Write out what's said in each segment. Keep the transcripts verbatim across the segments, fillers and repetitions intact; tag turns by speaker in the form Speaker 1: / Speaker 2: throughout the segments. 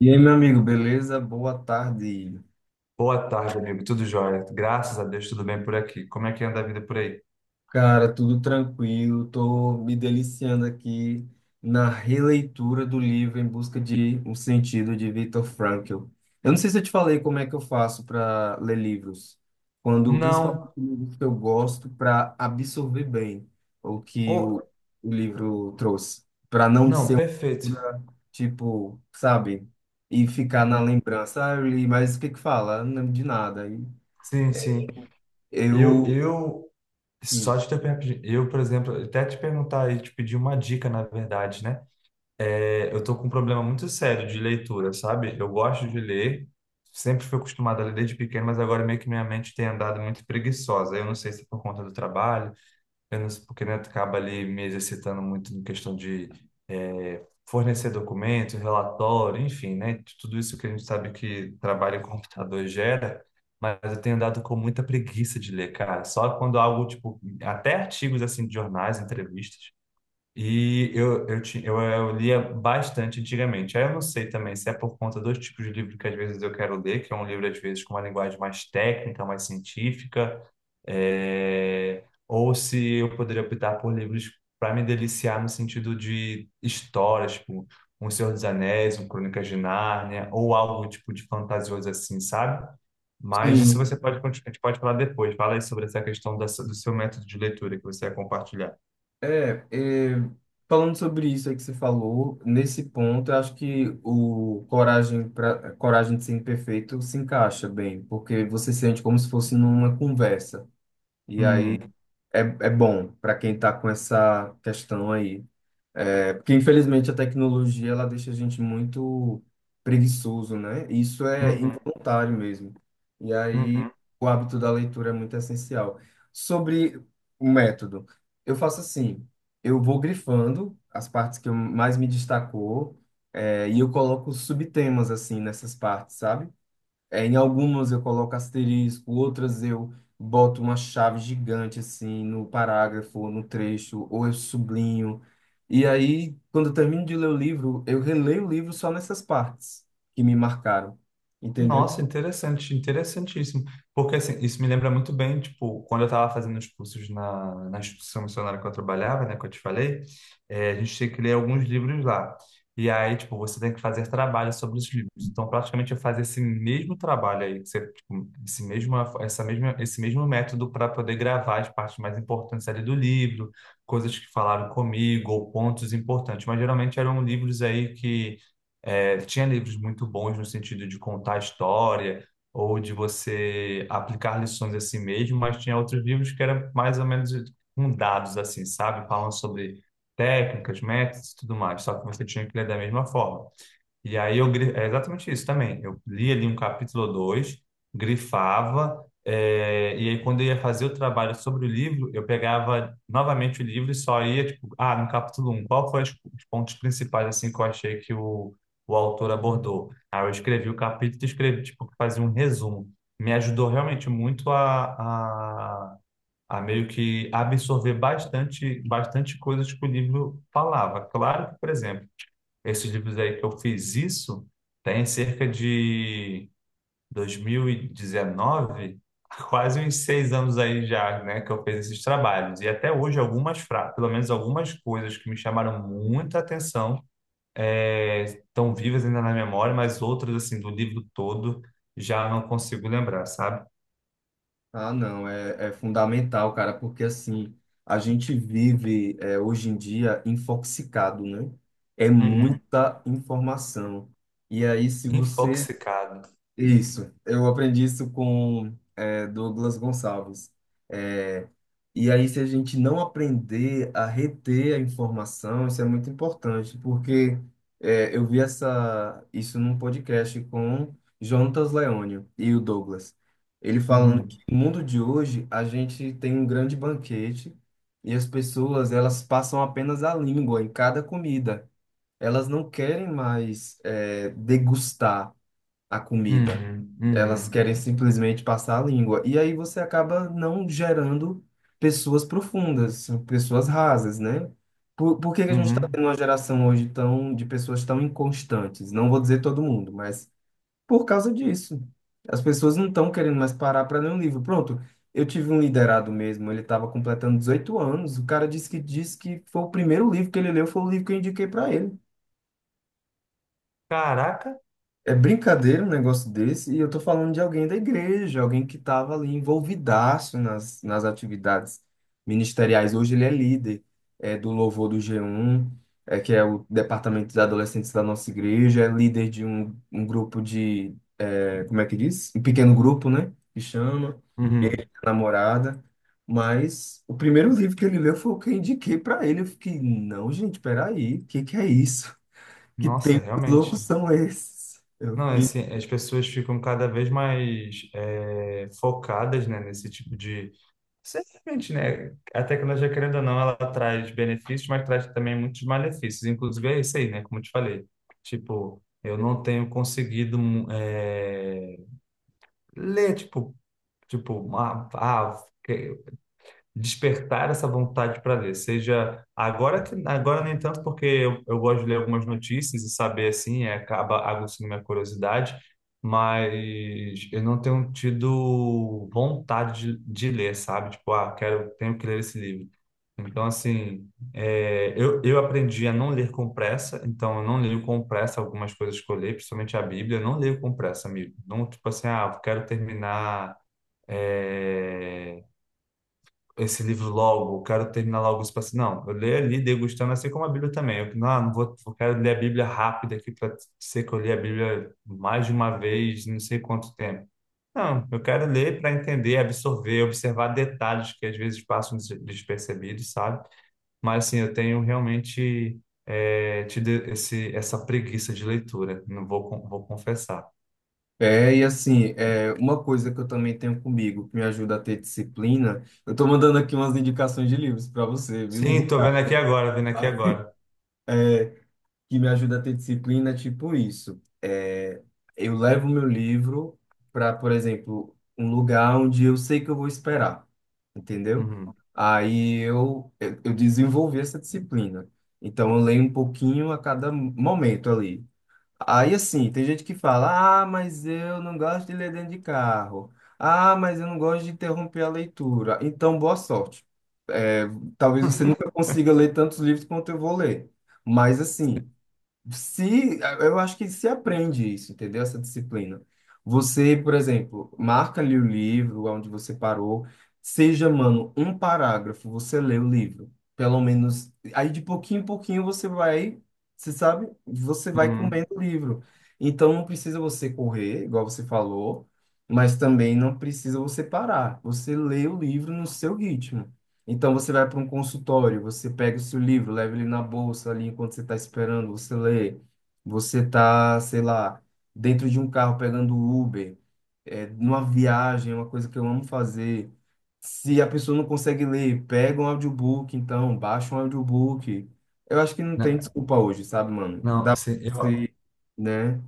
Speaker 1: E aí, meu amigo, beleza? Boa tarde.
Speaker 2: Boa tarde, amigo. Tudo jóia? Graças a Deus, tudo bem por aqui. Como é que anda a vida por aí?
Speaker 1: Cara, tudo tranquilo. Tô me deliciando aqui na releitura do livro Em Busca de um Sentido de Viktor Frankl. Eu não sei se eu te falei como é que eu faço para ler livros, quando principalmente
Speaker 2: Não.
Speaker 1: livros que eu gosto para absorver bem o que o,
Speaker 2: Oh,
Speaker 1: o livro trouxe, para não
Speaker 2: não,
Speaker 1: ser uma
Speaker 2: perfeito.
Speaker 1: leitura, tipo, sabe, e ficar na
Speaker 2: Hum,
Speaker 1: lembrança. Ah, eu li, mas o que que fala? Eu Não lembro de nada. E
Speaker 2: Sim, sim. Eu,
Speaker 1: eu
Speaker 2: eu,
Speaker 1: Sim,
Speaker 2: só de ter, perguntar, eu, por exemplo, até te perguntar e te pedir uma dica, na verdade, né? É, eu tô com um problema muito sério de leitura, sabe? Eu gosto de ler, sempre fui acostumado a ler desde pequeno, mas agora meio que minha mente tem andado muito preguiçosa. Eu não sei se é por conta do trabalho, apenas porque né, tu acaba ali me exercitando muito em questão de eh, fornecer documentos, relatório, enfim, né? Tudo isso que a gente sabe que trabalho em computador gera, mas eu tenho dado com muita preguiça de ler, cara. Só quando algo, tipo, até artigos assim de jornais, entrevistas, e eu, eu, ti- eu, eu lia bastante antigamente. Aí eu não sei também se é por conta dos tipos de livro que às vezes eu quero ler, que é um livro às vezes com uma linguagem mais técnica, mais científica, é, ou se eu poderia optar por livros para me deliciar no sentido de histórias, tipo Um Senhor dos Anéis, um Crônicas de Nárnia, ou algo tipo de fantasioso assim, sabe? Mas isso
Speaker 1: sim.
Speaker 2: você pode, continuar- a gente pode falar depois. Fala aí sobre essa questão da, do seu método de leitura que você vai compartilhar.
Speaker 1: É, é, Falando sobre isso aí que você falou, nesse ponto, eu acho que o coragem pra, coragem de ser imperfeito se encaixa bem, porque você sente como se fosse numa conversa. E aí
Speaker 2: Hum,
Speaker 1: é, é bom para quem tá com essa questão aí. É, porque infelizmente a tecnologia ela deixa a gente muito preguiçoso, né? Isso é
Speaker 2: uhum.
Speaker 1: involuntário mesmo. E aí
Speaker 2: Uhum.
Speaker 1: o hábito da leitura é muito essencial. Sobre o método, eu faço assim, eu vou grifando as partes que eu mais me destacou, é, e eu coloco subtemas assim nessas partes, sabe? É, em algumas eu coloco asterisco, outras eu boto uma chave gigante assim no parágrafo, ou no trecho, ou eu sublinho. E aí, quando eu termino de ler o livro, eu releio o livro só nessas partes que me marcaram, entendeu?
Speaker 2: Nossa, interessante, interessantíssimo. Porque assim, isso me lembra muito bem, tipo, quando eu estava fazendo os cursos na, na instituição missionária que eu trabalhava, né, que eu te falei, eh, a gente tinha que ler alguns livros lá. E aí, tipo, você tem que fazer trabalho sobre os livros. Então, praticamente eu fazia esse mesmo trabalho aí, que você, tipo, esse mesmo, essa mesma, esse mesmo método para poder gravar as partes mais importantes ali do livro, coisas que falaram comigo ou pontos importantes. Mas geralmente eram livros aí que é, tinha livros muito bons no sentido de contar a história ou de você aplicar lições a si mesmo, mas tinha outros livros que eram mais ou menos com dados, assim, sabe? Falando sobre técnicas, métodos e tudo mais, só que você tinha que ler da mesma forma. E aí eu gri- é exatamente isso também. Eu li ali um capítulo ou dois, grifava, eh, e aí quando eu ia fazer o trabalho sobre o livro, eu pegava novamente o livro e só ia, tipo, ah, no capítulo um qual foi os os pontos principais assim que eu achei que o, o autor abordou? Aí eu escrevi o capítulo e escrevi, tipo, fazia um resumo. Me ajudou realmente muito a, a, a meio que absorver bastante, bastante coisas que o livro falava. Claro que, por exemplo, esses livros aí que eu fiz isso tem cerca de dois mil e dezenove, quase uns seis anos aí já, né, que eu fiz esses trabalhos. E até hoje algumas frases, pelo menos algumas coisas que me chamaram muita atenção, é, estão vivas ainda na memória, mas outras, assim, do livro todo já não consigo lembrar, sabe?
Speaker 1: Ah, não, é, é fundamental, cara, porque assim, a gente vive é, hoje em dia infoxicado, né? É
Speaker 2: Uhum.
Speaker 1: muita informação. E aí, se você.
Speaker 2: Infoxicado.
Speaker 1: Isso, eu aprendi isso com é, Douglas Gonçalves. É, e aí, se a gente não aprender a reter a informação, isso é muito importante, porque é, eu vi essa, isso num podcast com Jonatas Leônio e o Douglas. Ele falando que
Speaker 2: Uhum.
Speaker 1: no mundo de hoje a gente tem um grande banquete e as pessoas elas passam apenas a língua em cada comida. Elas não querem mais é, degustar a comida.
Speaker 2: Uhum.
Speaker 1: Elas
Speaker 2: Uhum.
Speaker 1: querem simplesmente passar a língua. E aí você acaba não gerando pessoas profundas, pessoas rasas, né? Por, por que que a gente está
Speaker 2: Uhum.
Speaker 1: tendo uma geração hoje tão, de pessoas tão inconstantes? Não vou dizer todo mundo, mas por causa disso. As pessoas não estão querendo mais parar para ler um livro. Pronto, eu tive um liderado mesmo, ele estava completando dezoito anos, o cara disse que, disse que foi o primeiro livro que ele leu, foi o livro que eu indiquei para ele.
Speaker 2: Caraca.
Speaker 1: É brincadeira um negócio desse, e eu tô falando de alguém da igreja, alguém que estava ali envolvidaço nas, nas atividades ministeriais. Hoje ele é líder é, do Louvor do G um, é, que é o departamento de adolescentes da nossa igreja, é líder de um, um grupo de, é, como é que diz? Um pequeno grupo, né? Que chama,
Speaker 2: Uhum.
Speaker 1: namorada. Mas o primeiro livro que ele leu foi o que eu indiquei para ele. Eu fiquei, não, gente, peraí, o que que é isso? Que
Speaker 2: Nossa,
Speaker 1: tempos loucos
Speaker 2: realmente.
Speaker 1: são esses? Eu
Speaker 2: Não, é
Speaker 1: fiquei
Speaker 2: assim, as pessoas ficam cada vez mais é, focadas, né, nesse tipo de... Certamente, né, a tecnologia, querendo ou não, ela traz benefícios, mas traz também muitos malefícios. Inclusive é isso aí, né, como eu te falei. Tipo, eu não tenho conseguido hum, é, ler, tipo, tipo, ah, ah, despertar essa vontade para ler. Seja agora que agora nem tanto porque eu, eu gosto de ler algumas notícias e saber assim, é, acaba aguçando minha curiosidade, mas eu não tenho tido vontade de, de ler, sabe? Tipo, ah, quero, tenho que ler esse livro. Então, assim, é, eu, eu aprendi a não ler com pressa, então eu não leio com pressa algumas coisas que eu leio, principalmente a Bíblia, eu não leio com pressa, amigo. Não, tipo assim, ah, eu quero terminar é, esse livro logo, eu quero terminar logo isso para assim, não, eu leio ali degustando, assim como a Bíblia também. Eu não, não vou, eu quero ler a Bíblia rápida aqui para ser que eu li a Bíblia mais de uma vez, não sei quanto tempo. Não, eu quero ler para entender, absorver, observar detalhes que às vezes passam des- despercebidos, sabe? Mas assim, eu tenho realmente é, tido esse, essa preguiça de leitura, não vou, con- vou confessar.
Speaker 1: é, e assim, é, uma coisa que eu também tenho comigo, que me ajuda a ter disciplina, eu tô mandando aqui umas indicações de livros para você, viu? Um
Speaker 2: Sim, tô vendo
Speaker 1: bocado.
Speaker 2: aqui agora, vendo aqui agora.
Speaker 1: É, que me ajuda a ter disciplina, é tipo isso. É, eu levo meu livro para, por exemplo, um lugar onde eu sei que eu vou esperar, entendeu?
Speaker 2: Uhum,
Speaker 1: Aí eu, eu, eu desenvolvi essa disciplina. Então, eu leio um pouquinho a cada momento ali. Aí assim, tem gente que fala: ah, mas eu não gosto de ler dentro de carro. Ah, mas eu não gosto de interromper a leitura. Então, boa sorte. É, talvez você nunca consiga ler tantos livros quanto eu vou ler. Mas assim, se, eu acho que se aprende isso, entendeu? Essa disciplina. Você, por exemplo, marca ali o livro, onde você parou, seja, mano, um parágrafo, você lê o livro. Pelo menos, aí de pouquinho em pouquinho você vai, você sabe, você vai
Speaker 2: uhum.
Speaker 1: comendo o livro. Então não precisa você correr, igual você falou, mas também não precisa você parar. Você lê o livro no seu ritmo. Então você vai para um consultório, você pega o seu livro, leva ele na bolsa ali enquanto você está esperando, você lê. Você tá, sei lá, dentro de um carro pegando Uber, é, numa viagem, é uma coisa que eu amo fazer. Se a pessoa não consegue ler, pega um audiobook, então, baixa um audiobook. Eu acho que não tem
Speaker 2: Na-
Speaker 1: desculpa hoje, sabe, mano?
Speaker 2: Não,
Speaker 1: Dá pra
Speaker 2: assim, eu,
Speaker 1: você, né?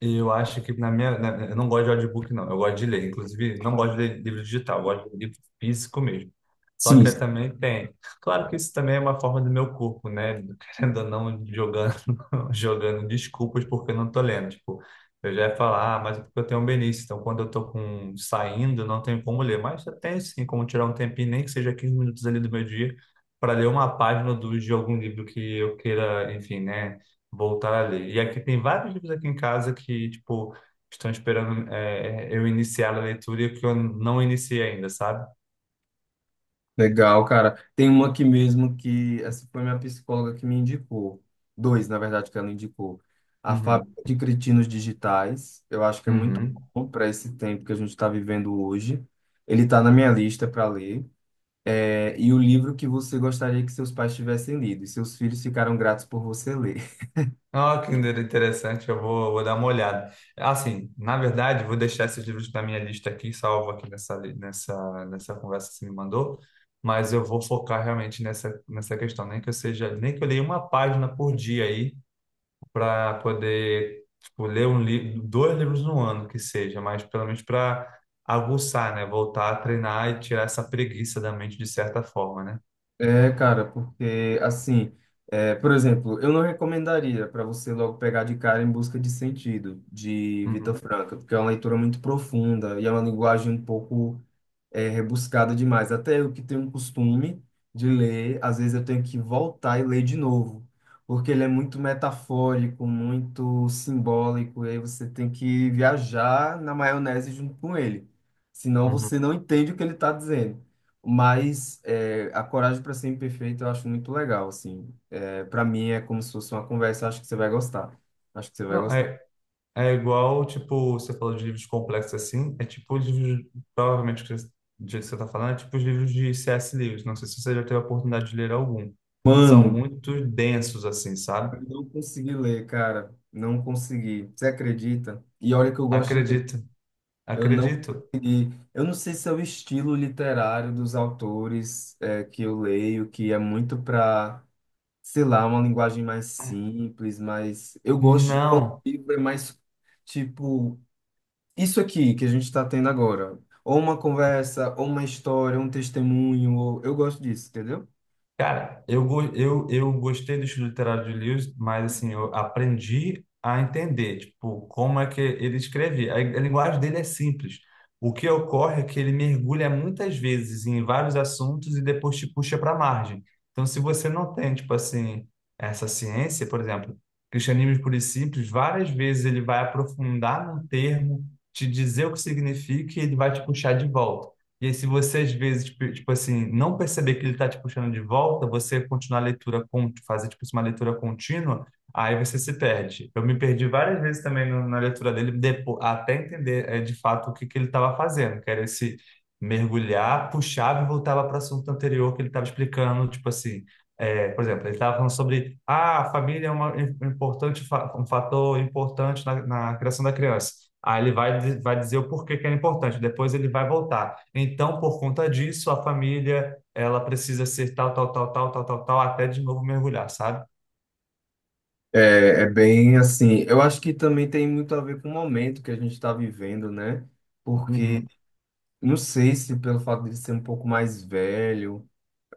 Speaker 2: Eu acho que na minha. na- eu não gosto de audiobook, não. Eu gosto de ler. Inclusive, não gosto de ler livro digital, eu gosto de livro físico mesmo. Só que eu
Speaker 1: Sim,
Speaker 2: também tenho. Claro que isso também é uma forma do meu corpo, né? Querendo ou não, jogando, jogando desculpas porque eu não tô lendo. Tipo, eu já ia falar, ah, mas é porque eu tenho um benício. Então, quando eu tô com, saindo, não tenho como ler. Mas eu tenho sim como tirar um tempinho, nem que seja quinze minutos ali do meu dia, para ler uma página do, de algum livro que eu queira, enfim, né? Voltar a ler. E aqui tem vários livros aqui em casa que, tipo, estão esperando é, eu iniciar a leitura e que eu não iniciei ainda, sabe?
Speaker 1: legal, cara. Tem uma aqui mesmo que essa foi minha psicóloga que me indicou. Dois, na verdade, que ela indicou. A
Speaker 2: Uhum.
Speaker 1: Fábrica de Cretinos Digitais, eu acho que é muito
Speaker 2: Uhum.
Speaker 1: bom para esse tempo que a gente está vivendo hoje. Ele está na minha lista para ler. É, e o livro que você gostaria que seus pais tivessem lido e seus filhos ficaram gratos por você ler.
Speaker 2: Ah, que interessante, eu vou, vou dar uma olhada. Assim, na verdade, vou deixar esses livros na minha lista aqui, salvo aqui nessa, li- nessa, nessa conversa que você me mandou, mas eu vou focar realmente nessa, nessa questão, nem que eu seja, nem que eu leia uma página por dia aí, para poder, tipo, ler um livro, dois livros no ano que seja, mas pelo menos para aguçar, né? Voltar a treinar e tirar essa preguiça da mente de certa forma, né?
Speaker 1: É, cara, porque assim, é, por exemplo, eu não recomendaria para você logo pegar de cara Em Busca de Sentido, de Vitor
Speaker 2: Uhum,
Speaker 1: Franco, porque é uma leitura muito profunda e é uma linguagem um pouco é rebuscada demais. Até eu que tenho um costume de ler, às vezes eu tenho que voltar e ler de novo, porque ele é muito metafórico, muito simbólico, e aí você tem que viajar na maionese junto com ele. Senão
Speaker 2: uhum.
Speaker 1: você não entende o que ele está dizendo. Mas é, A Coragem para Ser Imperfeito eu acho muito legal, assim. É, para mim é como se fosse uma conversa, acho que você vai gostar. Acho que você vai
Speaker 2: Não,
Speaker 1: gostar.
Speaker 2: é, é igual, tipo, você falou de livros complexos assim, é tipo os livros, provavelmente, que você- Do jeito que você está falando, é tipo os livros de C S. Lewis. Não sei se você já teve a oportunidade de ler algum. São
Speaker 1: Mano,
Speaker 2: muito densos, assim,
Speaker 1: eu
Speaker 2: sabe?
Speaker 1: não consegui ler, cara. Não consegui. Você acredita? E olha que eu gosto de ler.
Speaker 2: Acredito,
Speaker 1: Eu não,
Speaker 2: acredito.
Speaker 1: eu não sei se é o estilo literário dos autores é, que eu leio, que é muito para, sei lá, uma linguagem mais simples, mas eu gosto quando o
Speaker 2: Não,
Speaker 1: livro é mais tipo isso aqui que a gente está tendo agora. Ou uma conversa, ou uma história, um testemunho. Ou... Eu gosto disso, entendeu?
Speaker 2: cara, eu, go- eu, eu gostei do estilo literário de Lewis, mas assim, eu aprendi a entender, tipo, como é que ele escrevia. A, a linguagem dele é simples. O que ocorre é que ele mergulha muitas vezes em vários assuntos e depois te puxa para a margem. Então, se você não tem, tipo assim, essa ciência, por exemplo, Cristianismo Puro e Simples, várias vezes ele vai aprofundar num termo, te dizer o que significa e ele vai te puxar de volta. E aí, se você às vezes, tipo tipo assim, não perceber que ele está te puxando de volta, você continuar a leitura, con- fazer tipo assim, uma leitura contínua, aí você se perde. Eu me perdi várias vezes também no- na leitura dele, depois, até entender eh, de fato o que, que ele estava fazendo, que era esse mergulhar, puxava e voltava para o assunto anterior que ele estava explicando, tipo assim. Eh, por exemplo, ele estava falando sobre ah, a família é uma, im- importante, fa- um fator importante na, na criação da criança. Aí ele vai, di- vai dizer o porquê que é importante, depois ele vai voltar. Então, por conta disso, a família, ela precisa ser tal, tal, tal, tal, tal, tal, tal, até de novo mergulhar, sabe?
Speaker 1: É, é bem assim. Eu acho que também tem muito a ver com o momento que a gente está vivendo, né? Porque
Speaker 2: Uhum.
Speaker 1: não sei se pelo fato de ser um pouco mais velho,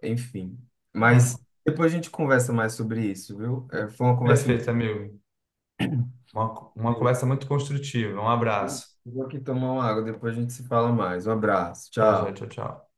Speaker 1: enfim. Mas
Speaker 2: Ah,
Speaker 1: depois a gente conversa mais sobre isso, viu? É, foi uma conversa
Speaker 2: perfeito, amigo. Uma, uma
Speaker 1: muito.
Speaker 2: conversa muito construtiva. Um abraço.
Speaker 1: Vou aqui tomar uma água, depois a gente se fala mais. Um abraço,
Speaker 2: Tá, já,
Speaker 1: tchau.
Speaker 2: tchau, tchau.